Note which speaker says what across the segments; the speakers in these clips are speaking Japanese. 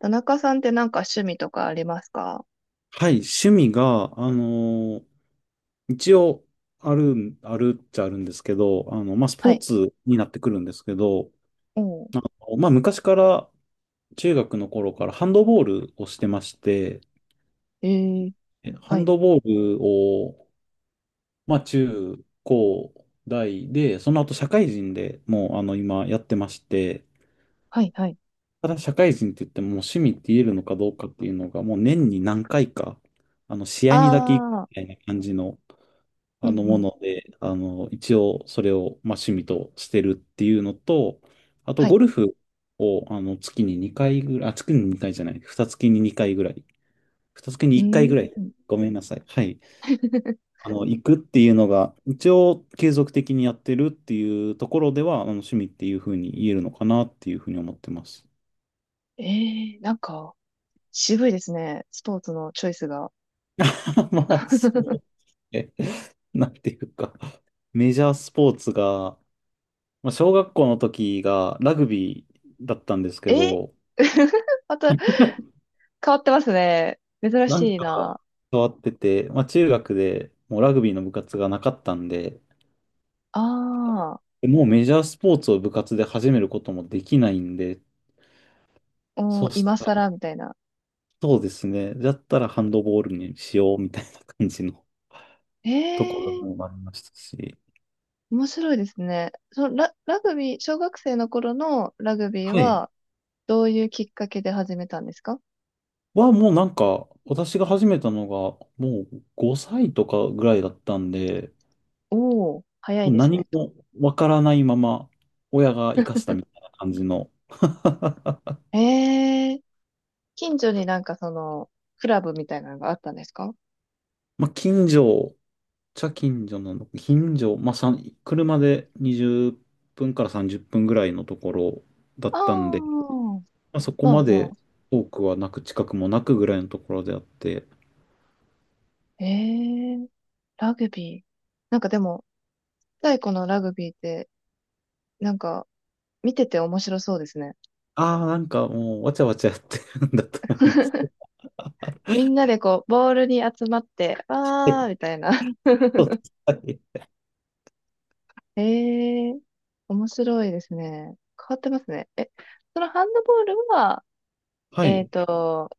Speaker 1: 田中さんってなんか趣味とかありますか？
Speaker 2: はい、趣味が、一応、あるん、あるっちゃあるんですけど、まあ、ス
Speaker 1: は
Speaker 2: ポー
Speaker 1: い。
Speaker 2: ツになってくるんですけど、
Speaker 1: お、
Speaker 2: あまあ、昔から、中学の頃からハンドボールをしてまして、
Speaker 1: ええー、
Speaker 2: ハ
Speaker 1: は
Speaker 2: ン
Speaker 1: い。
Speaker 2: ドボールを、まあ、中高大で、その後社会人でもう、今やってまして、
Speaker 1: はい、はい。
Speaker 2: ただ社会人って言っても、もう趣味って言えるのかどうかっていうのが、もう年に何回か、試合にだけ行く
Speaker 1: ああ、
Speaker 2: みたいな感じの、
Speaker 1: うん、う
Speaker 2: あのも
Speaker 1: ん。
Speaker 2: ので、一応それを、まあ、趣味としてるっていうのと、あと
Speaker 1: はい。
Speaker 2: ゴルフを、月に2回ぐらい、あ、月に2回じゃない、二月に2回ぐらい、二月に
Speaker 1: う
Speaker 2: 1回ぐ
Speaker 1: ー
Speaker 2: らい、
Speaker 1: ん。
Speaker 2: ごめんなさい。はい。行くっていうのが、一応継続的にやってるっていうところでは、趣味っていうふうに言えるのかなっていうふうに思ってます。
Speaker 1: ええ、なんか、渋いですね。スポーツのチョイスが。
Speaker 2: まあ、そう。えなんていうか、メジャースポーツが、まあ、小学校の時がラグビーだったんですけ
Speaker 1: え、
Speaker 2: ど、
Speaker 1: また変わってますね。珍
Speaker 2: なん
Speaker 1: しいな。
Speaker 2: か変わってて、まあ、中学でもうラグビーの部活がなかったんで、
Speaker 1: ああ、
Speaker 2: でもうメジャースポーツを部活で始めることもできないんで、
Speaker 1: お
Speaker 2: そ
Speaker 1: ー、
Speaker 2: うし
Speaker 1: 今
Speaker 2: たら、
Speaker 1: 更みたいな。
Speaker 2: そうですね、だったらハンドボールにしようみたいな感じの
Speaker 1: え
Speaker 2: ところ
Speaker 1: え、
Speaker 2: もありましたし、
Speaker 1: 面白いですね。ラグビー、小学生の頃のラグビー
Speaker 2: はい。
Speaker 1: は、どういうきっかけで始めたんですか？
Speaker 2: はもうなんか、私が始めたのがもう5歳とかぐらいだったんで、
Speaker 1: おお、早い
Speaker 2: もう
Speaker 1: です
Speaker 2: 何
Speaker 1: ね。
Speaker 2: もわからないまま、親が生かしたみたいな感じの、
Speaker 1: ええ、近所になんかその、クラブみたいなのがあったんですか？
Speaker 2: まあ、近所、茶近所なの、近所、まあ、さん車で20分から30分ぐらいのところだっ
Speaker 1: あ
Speaker 2: たん
Speaker 1: あ、
Speaker 2: で、まあ、そこ
Speaker 1: まあ
Speaker 2: ま
Speaker 1: ま
Speaker 2: で
Speaker 1: あ。
Speaker 2: 多くはなく、近くもなくぐらいのところであって。
Speaker 1: ええ、ラグビー。なんかでも、太古のラグビーって、なんか、見てて面白そうですね。
Speaker 2: ああ、なんかもう、わちゃわちゃやってるんだと思います。
Speaker 1: みんなでこう、ボールに集まって、あー、み たいな。
Speaker 2: そうですはい。
Speaker 1: ええ、面白いですね。変わってますね。え、そのハンドボールは、
Speaker 2: は
Speaker 1: えっ
Speaker 2: い。
Speaker 1: と、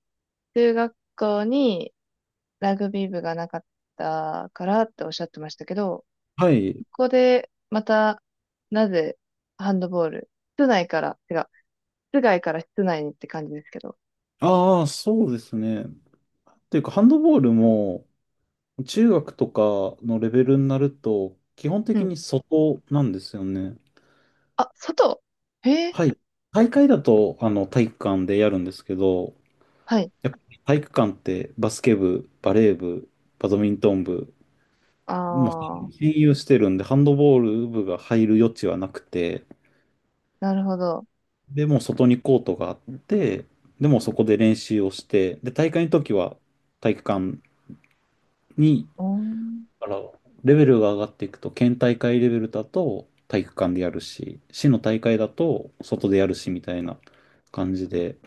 Speaker 1: 中学校に、ラグビー部がなかったからっておっしゃってましたけど、
Speaker 2: はい。
Speaker 1: ここでまた、なぜハンドボール、室内から、てか、室外から室内にって感じですけど。
Speaker 2: ああ、そうですね。というか、ハンドボールも、中学とかのレベルになると、基本
Speaker 1: う
Speaker 2: 的
Speaker 1: ん。
Speaker 2: に外なんですよね。
Speaker 1: あ、外へ？
Speaker 2: はい。大会だと、体育館でやるんですけど、
Speaker 1: はい。
Speaker 2: やっぱり体育館ってバスケ部、バレー部、バドミントン部、
Speaker 1: あ
Speaker 2: もう
Speaker 1: ー、
Speaker 2: 占有してるんで、ハンドボール部が入る余地はなくて、
Speaker 1: なるほど。
Speaker 2: でもう外にコートがあって、でもうそこで練習をして、で、大会の時は体育館に。
Speaker 1: おーん。
Speaker 2: だから、レベルが上がっていくと、県大会レベルだと体育館でやるし、市の大会だと外でやるしみたいな感じで、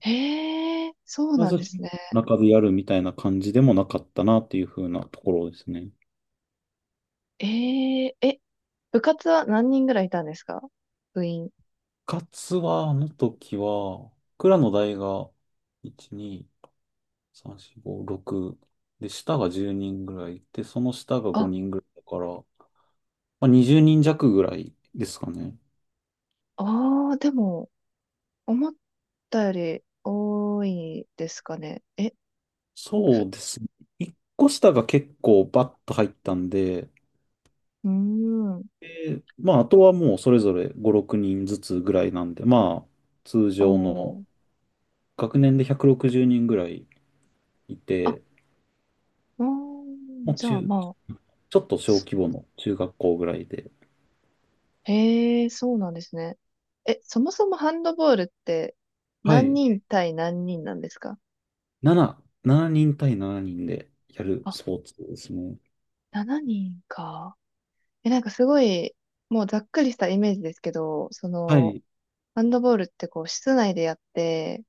Speaker 1: へえ、そう
Speaker 2: ま
Speaker 1: なん
Speaker 2: ず
Speaker 1: ですね。
Speaker 2: 中でやるみたいな感じでもなかったなっていう風なところですね。
Speaker 1: ええ、え、部活は何人ぐらいいたんですか？部員。
Speaker 2: 部活は、あの時は、蔵の代が1、2、3、4、5、6、で、下が10人ぐらいいて、その下が
Speaker 1: あ、
Speaker 2: 5人ぐらいだから、まあ、20人弱ぐらいですかね。
Speaker 1: ああ、でも、思ったより多いですかね。え、
Speaker 2: そう
Speaker 1: ふ、
Speaker 2: ですね。一個下が結構バッと入ったんで、
Speaker 1: うーん。
Speaker 2: でまあ、あとはもうそれぞれ5、6人ずつぐらいなんで、まあ、通常の
Speaker 1: おー。
Speaker 2: 学年で160人ぐらいい
Speaker 1: あ、
Speaker 2: て、
Speaker 1: うー
Speaker 2: も
Speaker 1: ん。
Speaker 2: う
Speaker 1: じゃあ
Speaker 2: 中、
Speaker 1: まあ。
Speaker 2: ちょっと小規模の中学校ぐらいで、
Speaker 1: へえ、そうなんですね。え、そもそもハンドボールって
Speaker 2: は
Speaker 1: 何
Speaker 2: い、
Speaker 1: 人対何人なんですか？
Speaker 2: 7、7人対7人でやる
Speaker 1: あ、
Speaker 2: スポーツですね。
Speaker 1: 7人か。え、なんかすごい、もうざっくりしたイメージですけど、そ
Speaker 2: は
Speaker 1: の、
Speaker 2: い。
Speaker 1: ハンドボールってこう室内でやって、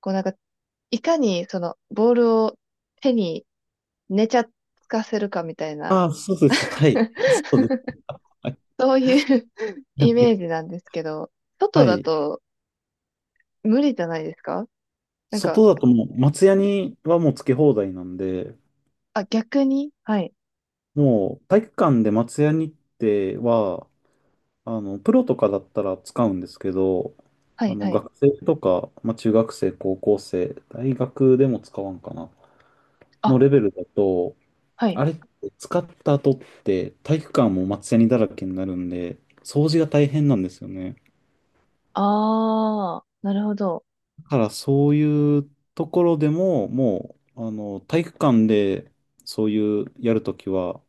Speaker 1: こうなんか、いかにそのボールを手に寝ちゃつかせるかみたいな、
Speaker 2: ああ、そうです。はい。そ うです。はい。
Speaker 1: そういう イメージなんですけど、外
Speaker 2: は
Speaker 1: だ
Speaker 2: い。
Speaker 1: と無理じゃないですか？なんか、
Speaker 2: 外だともう、松屋にはもうつけ放題なんで、
Speaker 1: あ、逆に、はい。
Speaker 2: もう体育館で松ヤニっては、プロとかだったら使うんですけど、
Speaker 1: はい、はい。
Speaker 2: 学生とか、まあ、中学生、高校生、大学でも使わんかな、
Speaker 1: あ、
Speaker 2: のレベルだと、
Speaker 1: はい。
Speaker 2: あれって使った後って体育館も松ヤニだらけになるんで、掃除が大変なんですよね。
Speaker 1: あー、なるほど。
Speaker 2: だからそういうところでも、もう、体育館でそういうやるときは、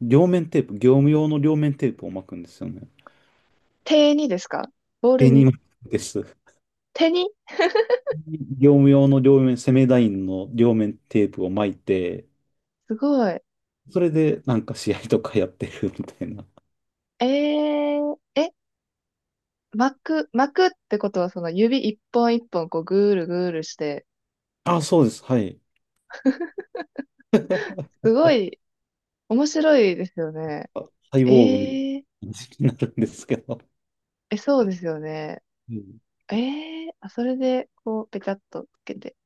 Speaker 2: 両面テープ、業務用の両面テープを巻くんですよね。
Speaker 1: 手にですか？ボール
Speaker 2: デニ
Speaker 1: に。
Speaker 2: ムです。
Speaker 1: 手に。
Speaker 2: 業務用の両面、セメダインの両面テープを巻いて、
Speaker 1: すごい。
Speaker 2: それでなんか試合とかやってるみたいな。
Speaker 1: ええ、巻くってことはその指一本一本こうぐーるぐーるして、
Speaker 2: あ、そうです。はい。
Speaker 1: すごい面白いですよね。
Speaker 2: あ、サイ
Speaker 1: え
Speaker 2: ボーグみたい
Speaker 1: ー、
Speaker 2: な感じになるんですけど。
Speaker 1: え、そうですよね。
Speaker 2: うん。
Speaker 1: えあ、それでこうペチャっとつけて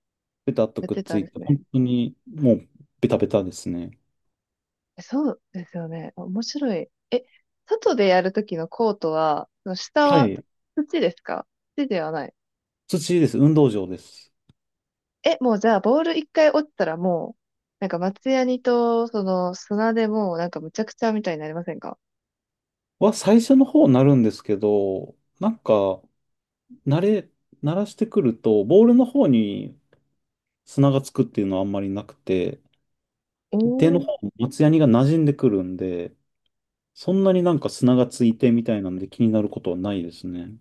Speaker 2: ベタっと
Speaker 1: やっ
Speaker 2: くっ
Speaker 1: て
Speaker 2: つ
Speaker 1: たん
Speaker 2: い
Speaker 1: で
Speaker 2: て、
Speaker 1: すね。
Speaker 2: 本当にもうベタベタですね。
Speaker 1: そうですよね。あ、面白い。え、外でやるときのコートは、その下
Speaker 2: は
Speaker 1: は
Speaker 2: い。
Speaker 1: 土ですか？土ではない？
Speaker 2: 土です。運動場です。
Speaker 1: え、もうじゃあ、ボール一回落ちたらもう、なんか松ヤニと、その砂でもうなんかむちゃくちゃみたいになりませんか？
Speaker 2: は最初の方になるんですけど、なんか、慣れ、慣らしてくると、ボールの方に砂がつくっていうのはあんまりなくて、
Speaker 1: お
Speaker 2: 手の
Speaker 1: ー、
Speaker 2: 方も松ヤニが馴染んでくるんで、そんなになんか砂がついてみたいなんで気になることはないですね。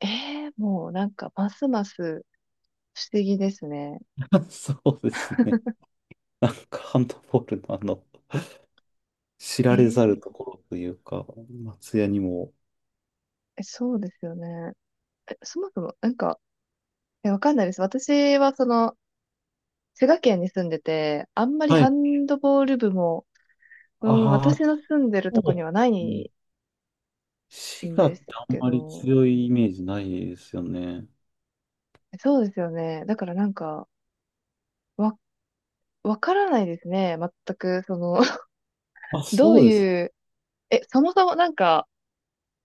Speaker 1: もうなんかますます不思議ですね。
Speaker 2: そうですね。なんかハンドボールの知
Speaker 1: え
Speaker 2: られざる
Speaker 1: ー、
Speaker 2: ところというか、松屋にも。
Speaker 1: え、そうですよね。え、そもそも、なんか、え、わかんないです。私はその、滋賀県に住んでて、あんまり
Speaker 2: は
Speaker 1: ハ
Speaker 2: い。
Speaker 1: ンドボール部も、うん、
Speaker 2: ああ、
Speaker 1: 私の住んでる
Speaker 2: そ
Speaker 1: と
Speaker 2: う
Speaker 1: こに
Speaker 2: で
Speaker 1: はな
Speaker 2: すね。
Speaker 1: い
Speaker 2: 滋
Speaker 1: ん
Speaker 2: 賀
Speaker 1: で
Speaker 2: っ
Speaker 1: す
Speaker 2: てあん
Speaker 1: け
Speaker 2: まり
Speaker 1: ど、
Speaker 2: 強いイメージないですよね。
Speaker 1: そうですよね。だからなんか、わ、わからないですね。全く、その、
Speaker 2: あ、
Speaker 1: どう
Speaker 2: そうです。
Speaker 1: いう、え、そもそもなんか、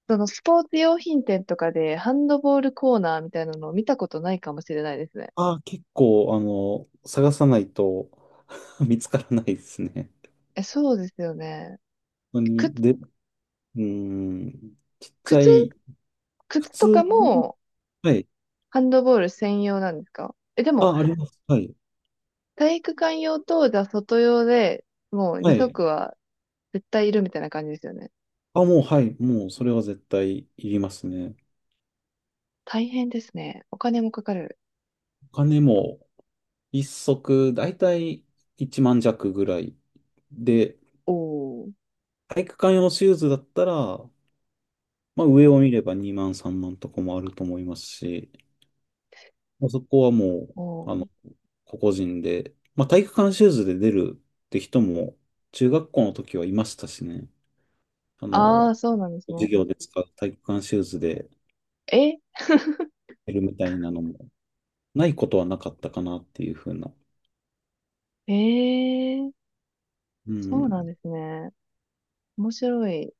Speaker 1: そのスポーツ用品店とかでハンドボールコーナーみたいなのを見たことないかもしれないですね。
Speaker 2: ああ、結構、探さないと 見つからないですね。
Speaker 1: え、そうですよね。
Speaker 2: 本当に、
Speaker 1: 靴、
Speaker 2: で、うーん、ちっちゃ
Speaker 1: 靴、
Speaker 2: い、普
Speaker 1: 靴とか
Speaker 2: 通、
Speaker 1: も
Speaker 2: はい。
Speaker 1: ハンドボール専用なんですか？え、でも、
Speaker 2: あ、あります。はい。
Speaker 1: 体育館用と、じゃあ外用でもう
Speaker 2: は
Speaker 1: 二
Speaker 2: い。
Speaker 1: 足は絶対いるみたいな感じですよね。
Speaker 2: あ、もう、はい。もう、それは絶対いりますね。
Speaker 1: 大変ですね。お金もかかる。
Speaker 2: お金も、一足、だいたい1万弱ぐらい。で、
Speaker 1: おー。
Speaker 2: 体育館用のシューズだったら、まあ、上を見れば2万、3万とかもあると思いますし、まあそこはもう、
Speaker 1: お
Speaker 2: あの、
Speaker 1: ー。
Speaker 2: 個々人で、まあ、体育館シューズで出るって人も、中学校の時はいましたしね。あ
Speaker 1: あ
Speaker 2: の、
Speaker 1: あ、そうなんです
Speaker 2: 授
Speaker 1: ね。
Speaker 2: 業で使う体育館シューズで
Speaker 1: え
Speaker 2: 出るみたいなのも。ないことはなかったかなっていうふうな。
Speaker 1: えー、
Speaker 2: う
Speaker 1: そうなん
Speaker 2: ん。
Speaker 1: ですね。面白い。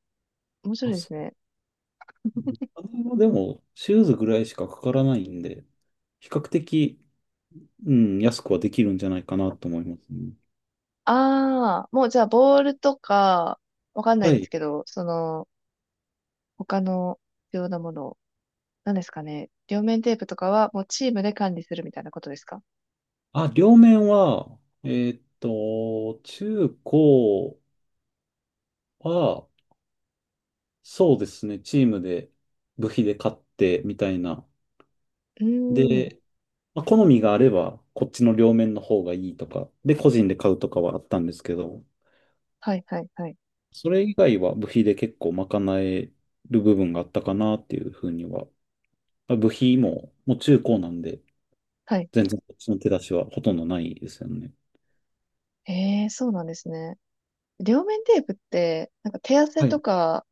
Speaker 1: 面白
Speaker 2: あ、
Speaker 1: いで
Speaker 2: そ
Speaker 1: すね。
Speaker 2: う。お金はでも、シューズぐらいしかかからないんで、比較的、うん、安くはできるんじゃないかなと思いますね。
Speaker 1: ああ、もうじゃあ、ボールとか、わかんない
Speaker 2: は
Speaker 1: です
Speaker 2: い。
Speaker 1: けど、その、他の必要なもの、何ですかね。両面テープとかは、もうチームで管理するみたいなことですか？
Speaker 2: あ、両面は、中高は、そうですね、チームで部費で買ってみたいな。
Speaker 1: うーん。
Speaker 2: で、まあ、好みがあれば、こっちの両面の方がいいとか、で、個人で買うとかはあったんですけど、
Speaker 1: はい、はい、はい。
Speaker 2: それ以外は部費で結構賄える部分があったかなっていうふうには。まあ部費も、もう中高なんで、
Speaker 1: はい。
Speaker 2: 全然こっちの手出しはほとんどないですよね。
Speaker 1: ええー、そうなんですね。両面テープって、なんか手汗
Speaker 2: はい。
Speaker 1: とか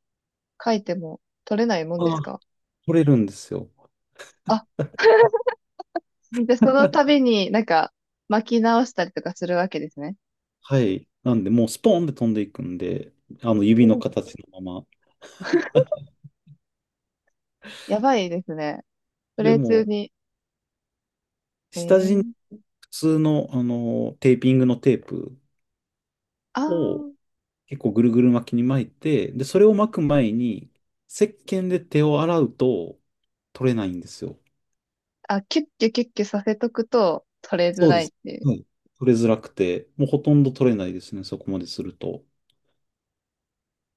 Speaker 1: 書いても取れないもんで
Speaker 2: あ
Speaker 1: す
Speaker 2: あ、
Speaker 1: か？
Speaker 2: 取れるんですよ。
Speaker 1: あ、で、その度になんか巻き直したりとかするわけですね。
Speaker 2: はい。なんで、もうスポーンで飛んでいくんで、あの
Speaker 1: う
Speaker 2: 指の
Speaker 1: ん。
Speaker 2: 形のまま。
Speaker 1: やばいですね。プ
Speaker 2: それ
Speaker 1: レイ中
Speaker 2: も、
Speaker 1: に。え
Speaker 2: 下地に
Speaker 1: ー、
Speaker 2: 普通の、テーピングのテープ
Speaker 1: あ
Speaker 2: を
Speaker 1: ー、
Speaker 2: 結構ぐるぐる巻きに巻いて、で、それを巻く前に、石鹸で手を洗うと取れないんですよ。
Speaker 1: あ、キュッキュキュッキュさせとくと取れづ
Speaker 2: そう
Speaker 1: ら
Speaker 2: で
Speaker 1: いっ
Speaker 2: す。
Speaker 1: ていう。
Speaker 2: うん。取れづらくて、もうほとんど取れないですね、そこまですると。